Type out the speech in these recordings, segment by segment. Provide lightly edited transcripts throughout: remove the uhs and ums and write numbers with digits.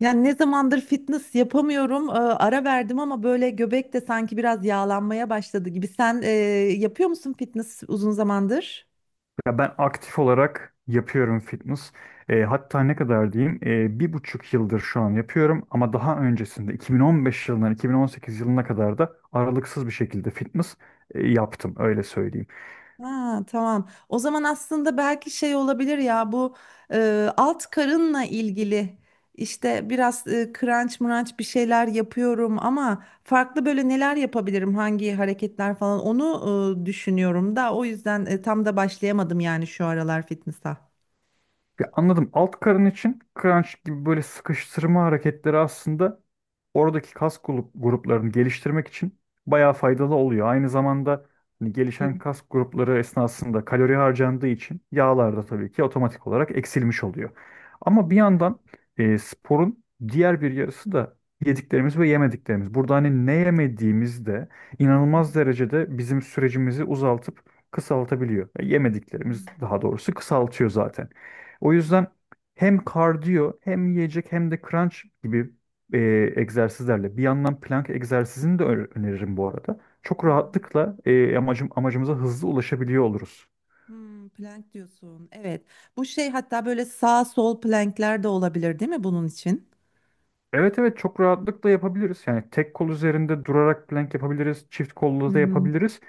Yani ne zamandır fitness yapamıyorum. Ara verdim ama böyle göbek de sanki biraz yağlanmaya başladı gibi. Sen yapıyor musun fitness uzun zamandır? Ya ben aktif olarak yapıyorum fitness. Hatta ne kadar diyeyim bir buçuk yıldır şu an yapıyorum ama daha öncesinde 2015 yılından 2018 yılına kadar da aralıksız bir şekilde fitness yaptım öyle söyleyeyim. Ha, tamam. O zaman aslında belki şey olabilir ya bu alt karınla ilgili işte biraz crunch mrunch bir şeyler yapıyorum ama farklı böyle neler yapabilirim hangi hareketler falan onu düşünüyorum da o yüzden tam da başlayamadım yani şu aralar fitness'a. Ya anladım, alt karın için crunch gibi böyle sıkıştırma hareketleri aslında oradaki gruplarını geliştirmek için bayağı faydalı oluyor. Aynı zamanda hani gelişen Hmm. kas grupları esnasında kalori harcandığı için yağlar da tabii ki otomatik olarak eksilmiş oluyor. Ama bir yandan sporun diğer bir yarısı da yediklerimiz ve yemediklerimiz. Burada hani ne yemediğimiz de inanılmaz derecede bizim sürecimizi uzaltıp kısaltabiliyor. Yemediklerimiz Hmm. daha doğrusu kısaltıyor zaten. O yüzden hem kardiyo hem yiyecek hem de crunch gibi e, egzersizlerle. Bir yandan plank egzersizini de öneririm bu arada. Çok Aha. rahatlıkla amacımıza hızlı ulaşabiliyor oluruz. Plank diyorsun. Evet. Bu şey hatta böyle sağ sol plankler de olabilir değil mi bunun için? Evet, evet, çok rahatlıkla yapabiliriz. Yani tek kol üzerinde durarak plank yapabiliriz. Çift kollu da Hı yapabiliriz.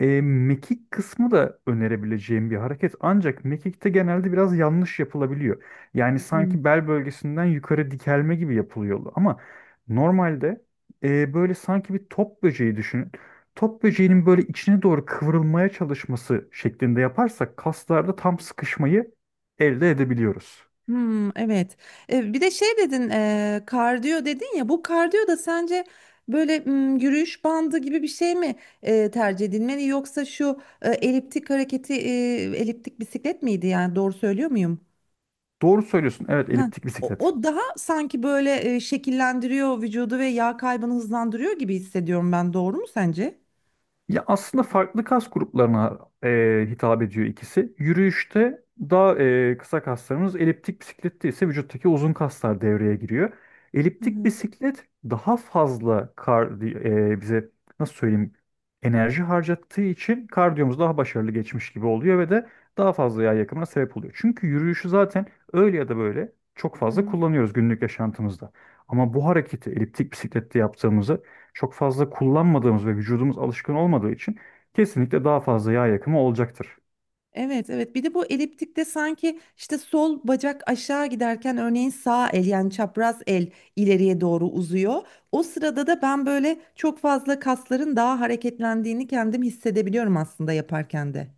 Mekik kısmı da önerebileceğim bir hareket. Ancak mekikte genelde biraz yanlış yapılabiliyor. Yani hı. sanki bel bölgesinden yukarı dikelme gibi yapılıyor. Ama normalde böyle sanki bir top böceği düşünün. Top böceğinin böyle içine doğru kıvrılmaya çalışması şeklinde yaparsak kaslarda tam sıkışmayı elde edebiliyoruz. Hmm, evet. Bir de şey dedin, kardiyo dedin ya. Bu kardiyo da sence böyle yürüyüş bandı gibi bir şey mi tercih edilmeli yoksa şu eliptik hareketi, eliptik bisiklet miydi yani doğru söylüyor muyum? Doğru söylüyorsun. Evet, Ha. eliptik O, bisiklet. o daha sanki böyle şekillendiriyor vücudu ve yağ kaybını hızlandırıyor gibi hissediyorum ben. Doğru mu sence? Ya aslında farklı kas gruplarına hitap ediyor ikisi. Yürüyüşte daha kısa kaslarımız, eliptik bisiklette ise vücuttaki uzun kaslar devreye giriyor. Hı Eliptik hı. bisiklet daha fazla bize nasıl söyleyeyim, enerji harcattığı için kardiyomuz daha başarılı geçmiş gibi oluyor ve de daha fazla yağ yakımına sebep oluyor. Çünkü yürüyüşü zaten öyle ya da böyle çok Hı fazla hı. kullanıyoruz günlük yaşantımızda. Ama bu hareketi eliptik bisiklette yaptığımızı çok fazla kullanmadığımız ve vücudumuz alışkın olmadığı için kesinlikle daha fazla yağ yakımı olacaktır. Evet, evet, bir de bu eliptikte sanki işte sol bacak aşağı giderken örneğin sağ el yani çapraz el ileriye doğru uzuyor. O sırada da ben böyle çok fazla kasların daha hareketlendiğini kendim hissedebiliyorum aslında yaparken de.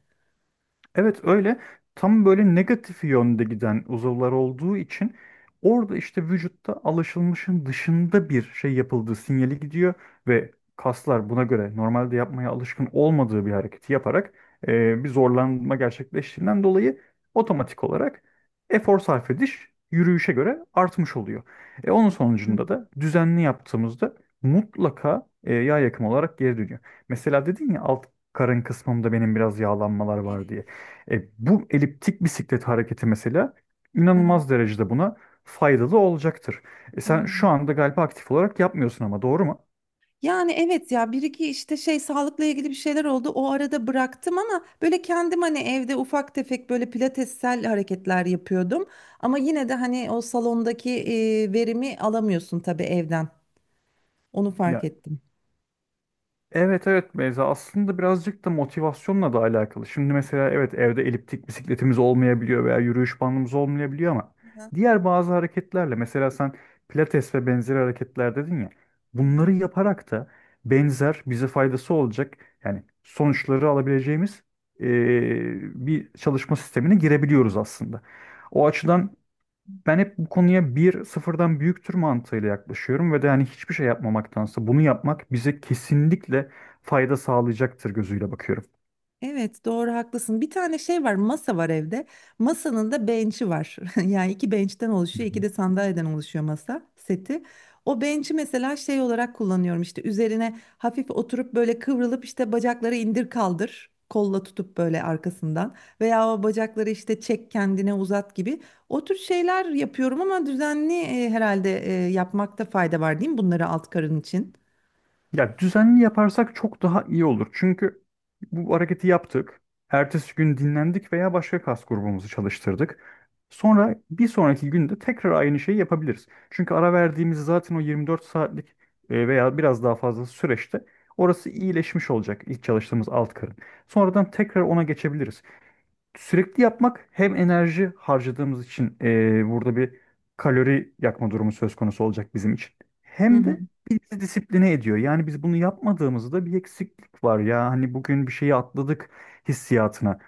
Evet, öyle tam böyle negatif yönde giden uzuvlar olduğu için orada işte vücutta alışılmışın dışında bir şey yapıldığı sinyali gidiyor ve kaslar buna göre normalde yapmaya alışkın olmadığı bir hareketi yaparak bir zorlanma gerçekleştiğinden dolayı otomatik olarak efor sarf ediş yürüyüşe göre artmış oluyor. Onun Hı. sonucunda da düzenli yaptığımızda mutlaka yağ yakımı olarak geri dönüyor. Mesela dedin ya alt karın kısmımda benim biraz yağlanmalar var Evet. diye. Bu eliptik bisiklet hareketi mesela Hı hı. inanılmaz derecede buna faydalı olacaktır. Sen Hmm. şu anda galiba aktif olarak yapmıyorsun ama, doğru mu? Yani evet ya bir iki işte şey sağlıkla ilgili bir şeyler oldu. O arada bıraktım ama böyle kendim hani evde ufak tefek böyle pilatessel hareketler yapıyordum. Ama yine de hani o salondaki verimi alamıyorsun tabii evden. Onu fark Ya ettim. evet, evet, Beyza, aslında birazcık da motivasyonla da alakalı. Şimdi mesela evet, evde eliptik bisikletimiz olmayabiliyor veya yürüyüş bandımız olmayabiliyor ama Aha, diğer bazı hareketlerle mesela sen pilates ve benzeri hareketler dedin ya, aha. bunları yaparak da benzer bize faydası olacak yani sonuçları alabileceğimiz eee, bir çalışma sistemine girebiliyoruz aslında. O açıdan ben hep bu konuya bir sıfırdan büyüktür mantığıyla yaklaşıyorum ve de hani hiçbir şey yapmamaktansa bunu yapmak bize kesinlikle fayda sağlayacaktır gözüyle bakıyorum. Evet, doğru haklısın. Bir tane şey var, masa var evde. Masanın da bench'i var. Yani iki bench'ten Hı oluşuyor, iki hı. de sandalyeden oluşuyor masa seti. O bench'i mesela şey olarak kullanıyorum işte üzerine hafif oturup böyle kıvrılıp işte bacakları indir kaldır. Kolla tutup böyle arkasından veya o bacakları işte çek kendine uzat gibi o tür şeyler yapıyorum ama düzenli herhalde yapmakta fayda var değil mi bunları alt karın için? Ya düzenli yaparsak çok daha iyi olur. Çünkü bu hareketi yaptık. Ertesi gün dinlendik veya başka kas grubumuzu çalıştırdık. Sonra bir sonraki günde tekrar aynı şeyi yapabiliriz. Çünkü ara verdiğimiz zaten o 24 saatlik veya biraz daha fazla süreçte orası iyileşmiş olacak, ilk çalıştığımız alt karın. Sonradan tekrar ona geçebiliriz. Sürekli yapmak hem enerji harcadığımız için burada bir kalori yakma durumu söz konusu olacak bizim için. Hı Hem hı. de bizi disipline ediyor. Yani biz bunu yapmadığımızda bir eksiklik var ya. Hani bugün bir şeyi atladık hissiyatına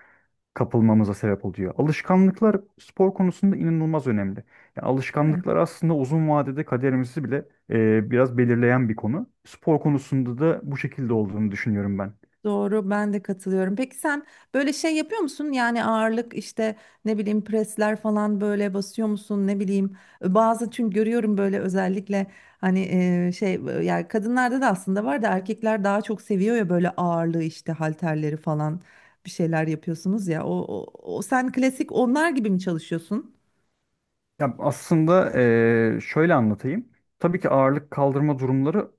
kapılmamıza sebep oluyor. Alışkanlıklar spor konusunda inanılmaz önemli. Yani Evet. alışkanlıklar aslında uzun vadede kaderimizi bile biraz belirleyen bir konu. Spor konusunda da bu şekilde olduğunu düşünüyorum ben. Doğru, ben de katılıyorum. Peki sen böyle şey yapıyor musun? Yani ağırlık işte ne bileyim presler falan böyle basıyor musun? Ne bileyim, bazı çünkü görüyorum böyle özellikle hani yani kadınlarda da aslında var da erkekler daha çok seviyor ya böyle ağırlığı işte halterleri falan bir şeyler yapıyorsunuz ya. O sen klasik onlar gibi mi çalışıyorsun? Ya aslında şöyle anlatayım. Tabii ki ağırlık kaldırma durumları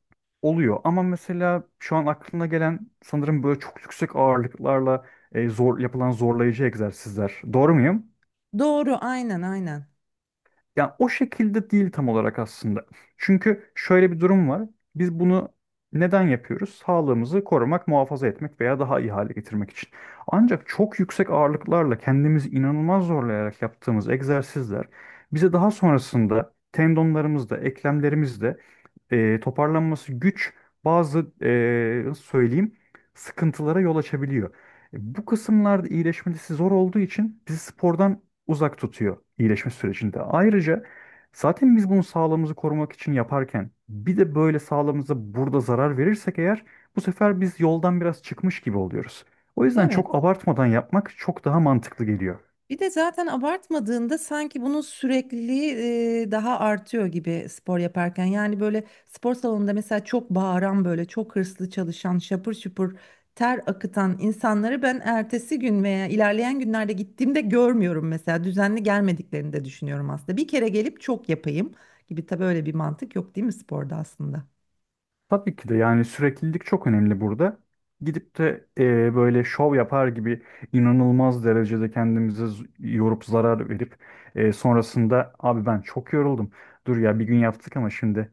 oluyor ama mesela şu an aklına gelen sanırım böyle çok yüksek ağırlıklarla zor yapılan zorlayıcı egzersizler. Doğru muyum? Doğru, aynen aynen. Yani o şekilde değil tam olarak aslında. Çünkü şöyle bir durum var. Biz bunu neden yapıyoruz? Sağlığımızı korumak, muhafaza etmek veya daha iyi hale getirmek için. Ancak çok yüksek ağırlıklarla kendimizi inanılmaz zorlayarak yaptığımız egzersizler bize daha sonrasında tendonlarımızda, eklemlerimizde toparlanması güç bazı nasıl söyleyeyim, sıkıntılara yol açabiliyor. Bu kısımlarda iyileşmesi zor olduğu için bizi spordan uzak tutuyor iyileşme sürecinde. Ayrıca zaten biz bunu sağlığımızı korumak için yaparken bir de böyle sağlığımıza burada zarar verirsek eğer bu sefer biz yoldan biraz çıkmış gibi oluyoruz. O yüzden Evet. çok abartmadan yapmak çok daha mantıklı geliyor. Bir de zaten abartmadığında sanki bunun sürekliliği daha artıyor gibi spor yaparken. Yani böyle spor salonunda mesela çok bağıran böyle çok hırslı çalışan şapır şupur ter akıtan insanları ben ertesi gün veya ilerleyen günlerde gittiğimde görmüyorum mesela. Düzenli gelmediklerini de düşünüyorum aslında. Bir kere gelip çok yapayım gibi, tabii öyle bir mantık yok değil mi sporda aslında? Tabii ki de, yani süreklilik çok önemli burada. Gidip de böyle şov yapar gibi inanılmaz derecede kendimizi yorup zarar verip sonrasında, abi ben çok yoruldum. Dur ya, bir gün yaptık ama şimdi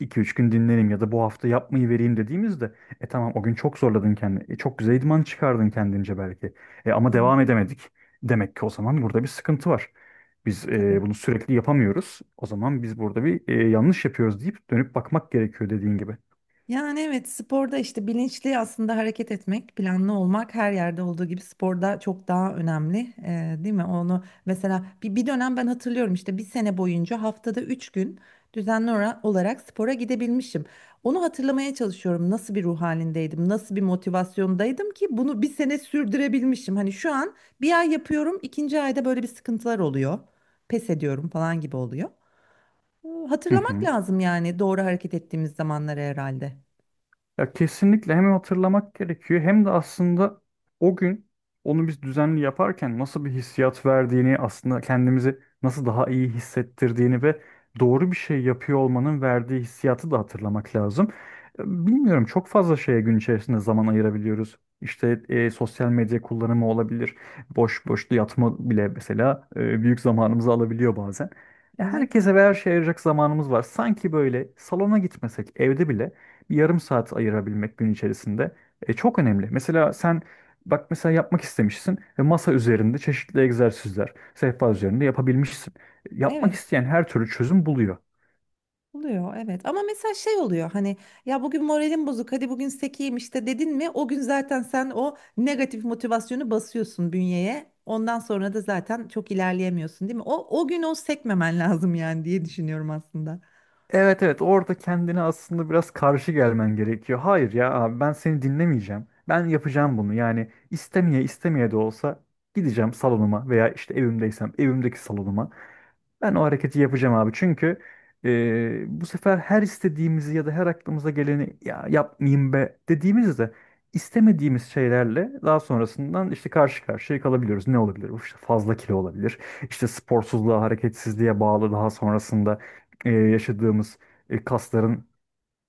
iki üç gün dinleneyim ya da bu hafta yapmayı vereyim dediğimizde, e, tamam, o gün çok zorladın kendini. Çok güzel idman çıkardın kendince belki. Ama Evet. devam edemedik. Demek ki o zaman burada bir sıkıntı var. Biz bunu sürekli yapamıyoruz. O zaman biz burada bir yanlış yapıyoruz deyip dönüp bakmak gerekiyor dediğin gibi. Yani evet, sporda işte bilinçli aslında hareket etmek, planlı olmak her yerde olduğu gibi sporda çok daha önemli, değil mi? Onu mesela bir dönem ben hatırlıyorum işte bir sene boyunca haftada 3 gün düzenli olarak spora gidebilmişim. Onu hatırlamaya çalışıyorum, nasıl bir ruh halindeydim, nasıl bir motivasyondaydım ki bunu bir sene sürdürebilmişim. Hani şu an bir ay yapıyorum, ikinci ayda böyle bir sıkıntılar oluyor, pes ediyorum falan gibi oluyor. Hı Hatırlamak hı. lazım yani doğru hareket ettiğimiz zamanları herhalde. Ya kesinlikle hem hatırlamak gerekiyor hem de aslında o gün onu biz düzenli yaparken nasıl bir hissiyat verdiğini, aslında kendimizi nasıl daha iyi hissettirdiğini ve doğru bir şey yapıyor olmanın verdiği hissiyatı da hatırlamak lazım. Bilmiyorum, çok fazla şeye gün içerisinde zaman ayırabiliyoruz. İşte sosyal medya kullanımı olabilir. Boş boş yatma bile mesela büyük zamanımızı alabiliyor bazen. Ya Evet, herkese ve her şeye ayıracak zamanımız var. Sanki böyle salona gitmesek evde bile bir yarım saat ayırabilmek gün içerisinde çok önemli. Mesela sen bak, mesela yapmak istemişsin ve masa üzerinde çeşitli egzersizler, sehpa üzerinde yapabilmişsin. Yapmak evet isteyen her türlü çözüm buluyor. oluyor, evet. Ama mesela şey oluyor hani, ya bugün moralim bozuk, hadi bugün sekeyim işte dedin mi? O gün zaten sen o negatif motivasyonu basıyorsun bünyeye. Ondan sonra da zaten çok ilerleyemiyorsun, değil mi? O gün o sekmemen lazım yani diye düşünüyorum aslında. Evet, evet, orada kendine aslında biraz karşı gelmen gerekiyor. Hayır ya abi, ben seni dinlemeyeceğim. Ben yapacağım bunu. Yani istemeye istemeye de olsa gideceğim salonuma veya işte evimdeysem evimdeki salonuma. Ben o hareketi yapacağım abi. Çünkü bu sefer her istediğimizi ya da her aklımıza geleni ya yapmayayım be dediğimizde istemediğimiz şeylerle daha sonrasından işte karşı karşıya kalabiliyoruz. Ne olabilir? İşte fazla kilo olabilir. İşte sporsuzluğa, hareketsizliğe bağlı daha sonrasında yaşadığımız kasların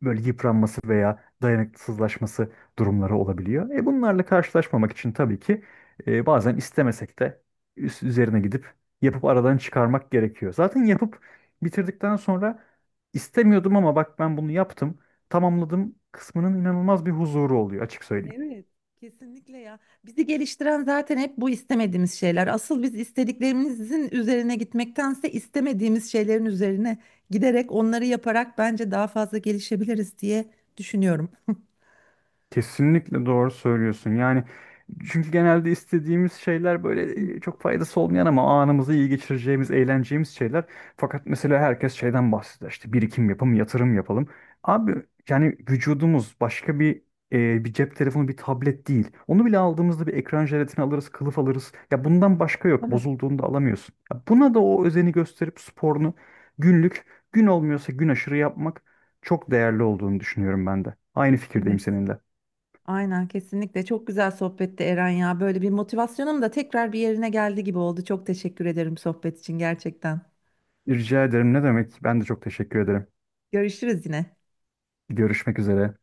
böyle yıpranması veya dayanıksızlaşması durumları olabiliyor. Bunlarla karşılaşmamak için tabii ki bazen istemesek de üst üzerine gidip yapıp aradan çıkarmak gerekiyor. Zaten yapıp bitirdikten sonra, istemiyordum ama bak ben bunu yaptım, tamamladım kısmının inanılmaz bir huzuru oluyor, açık söyleyeyim. Evet. Kesinlikle ya. Bizi geliştiren zaten hep bu istemediğimiz şeyler. Asıl biz istediklerimizin üzerine gitmektense istemediğimiz şeylerin üzerine giderek onları yaparak bence daha fazla gelişebiliriz diye düşünüyorum. Kesinlikle doğru söylüyorsun. Yani çünkü genelde istediğimiz şeyler Hı. böyle çok faydası olmayan ama anımızı iyi geçireceğimiz, eğleneceğimiz şeyler. Fakat mesela herkes şeyden bahseder. İşte birikim yapalım, yatırım yapalım. Abi yani vücudumuz başka bir bir cep telefonu, bir tablet değil. Onu bile aldığımızda bir ekran jelatini alırız, kılıf alırız. Ya bundan başka yok. Tabii. Bozulduğunda alamıyorsun. Ya buna da o özeni gösterip sporunu günlük, gün olmuyorsa gün aşırı yapmak çok değerli olduğunu düşünüyorum ben de. Aynı fikirdeyim Evet. seninle. Aynen kesinlikle. Çok güzel sohbetti Eren ya. Böyle bir motivasyonum da tekrar bir yerine geldi gibi oldu. Çok teşekkür ederim sohbet için gerçekten. Rica ederim. Ne demek? Ben de çok teşekkür ederim. Görüşürüz yine. Görüşmek üzere.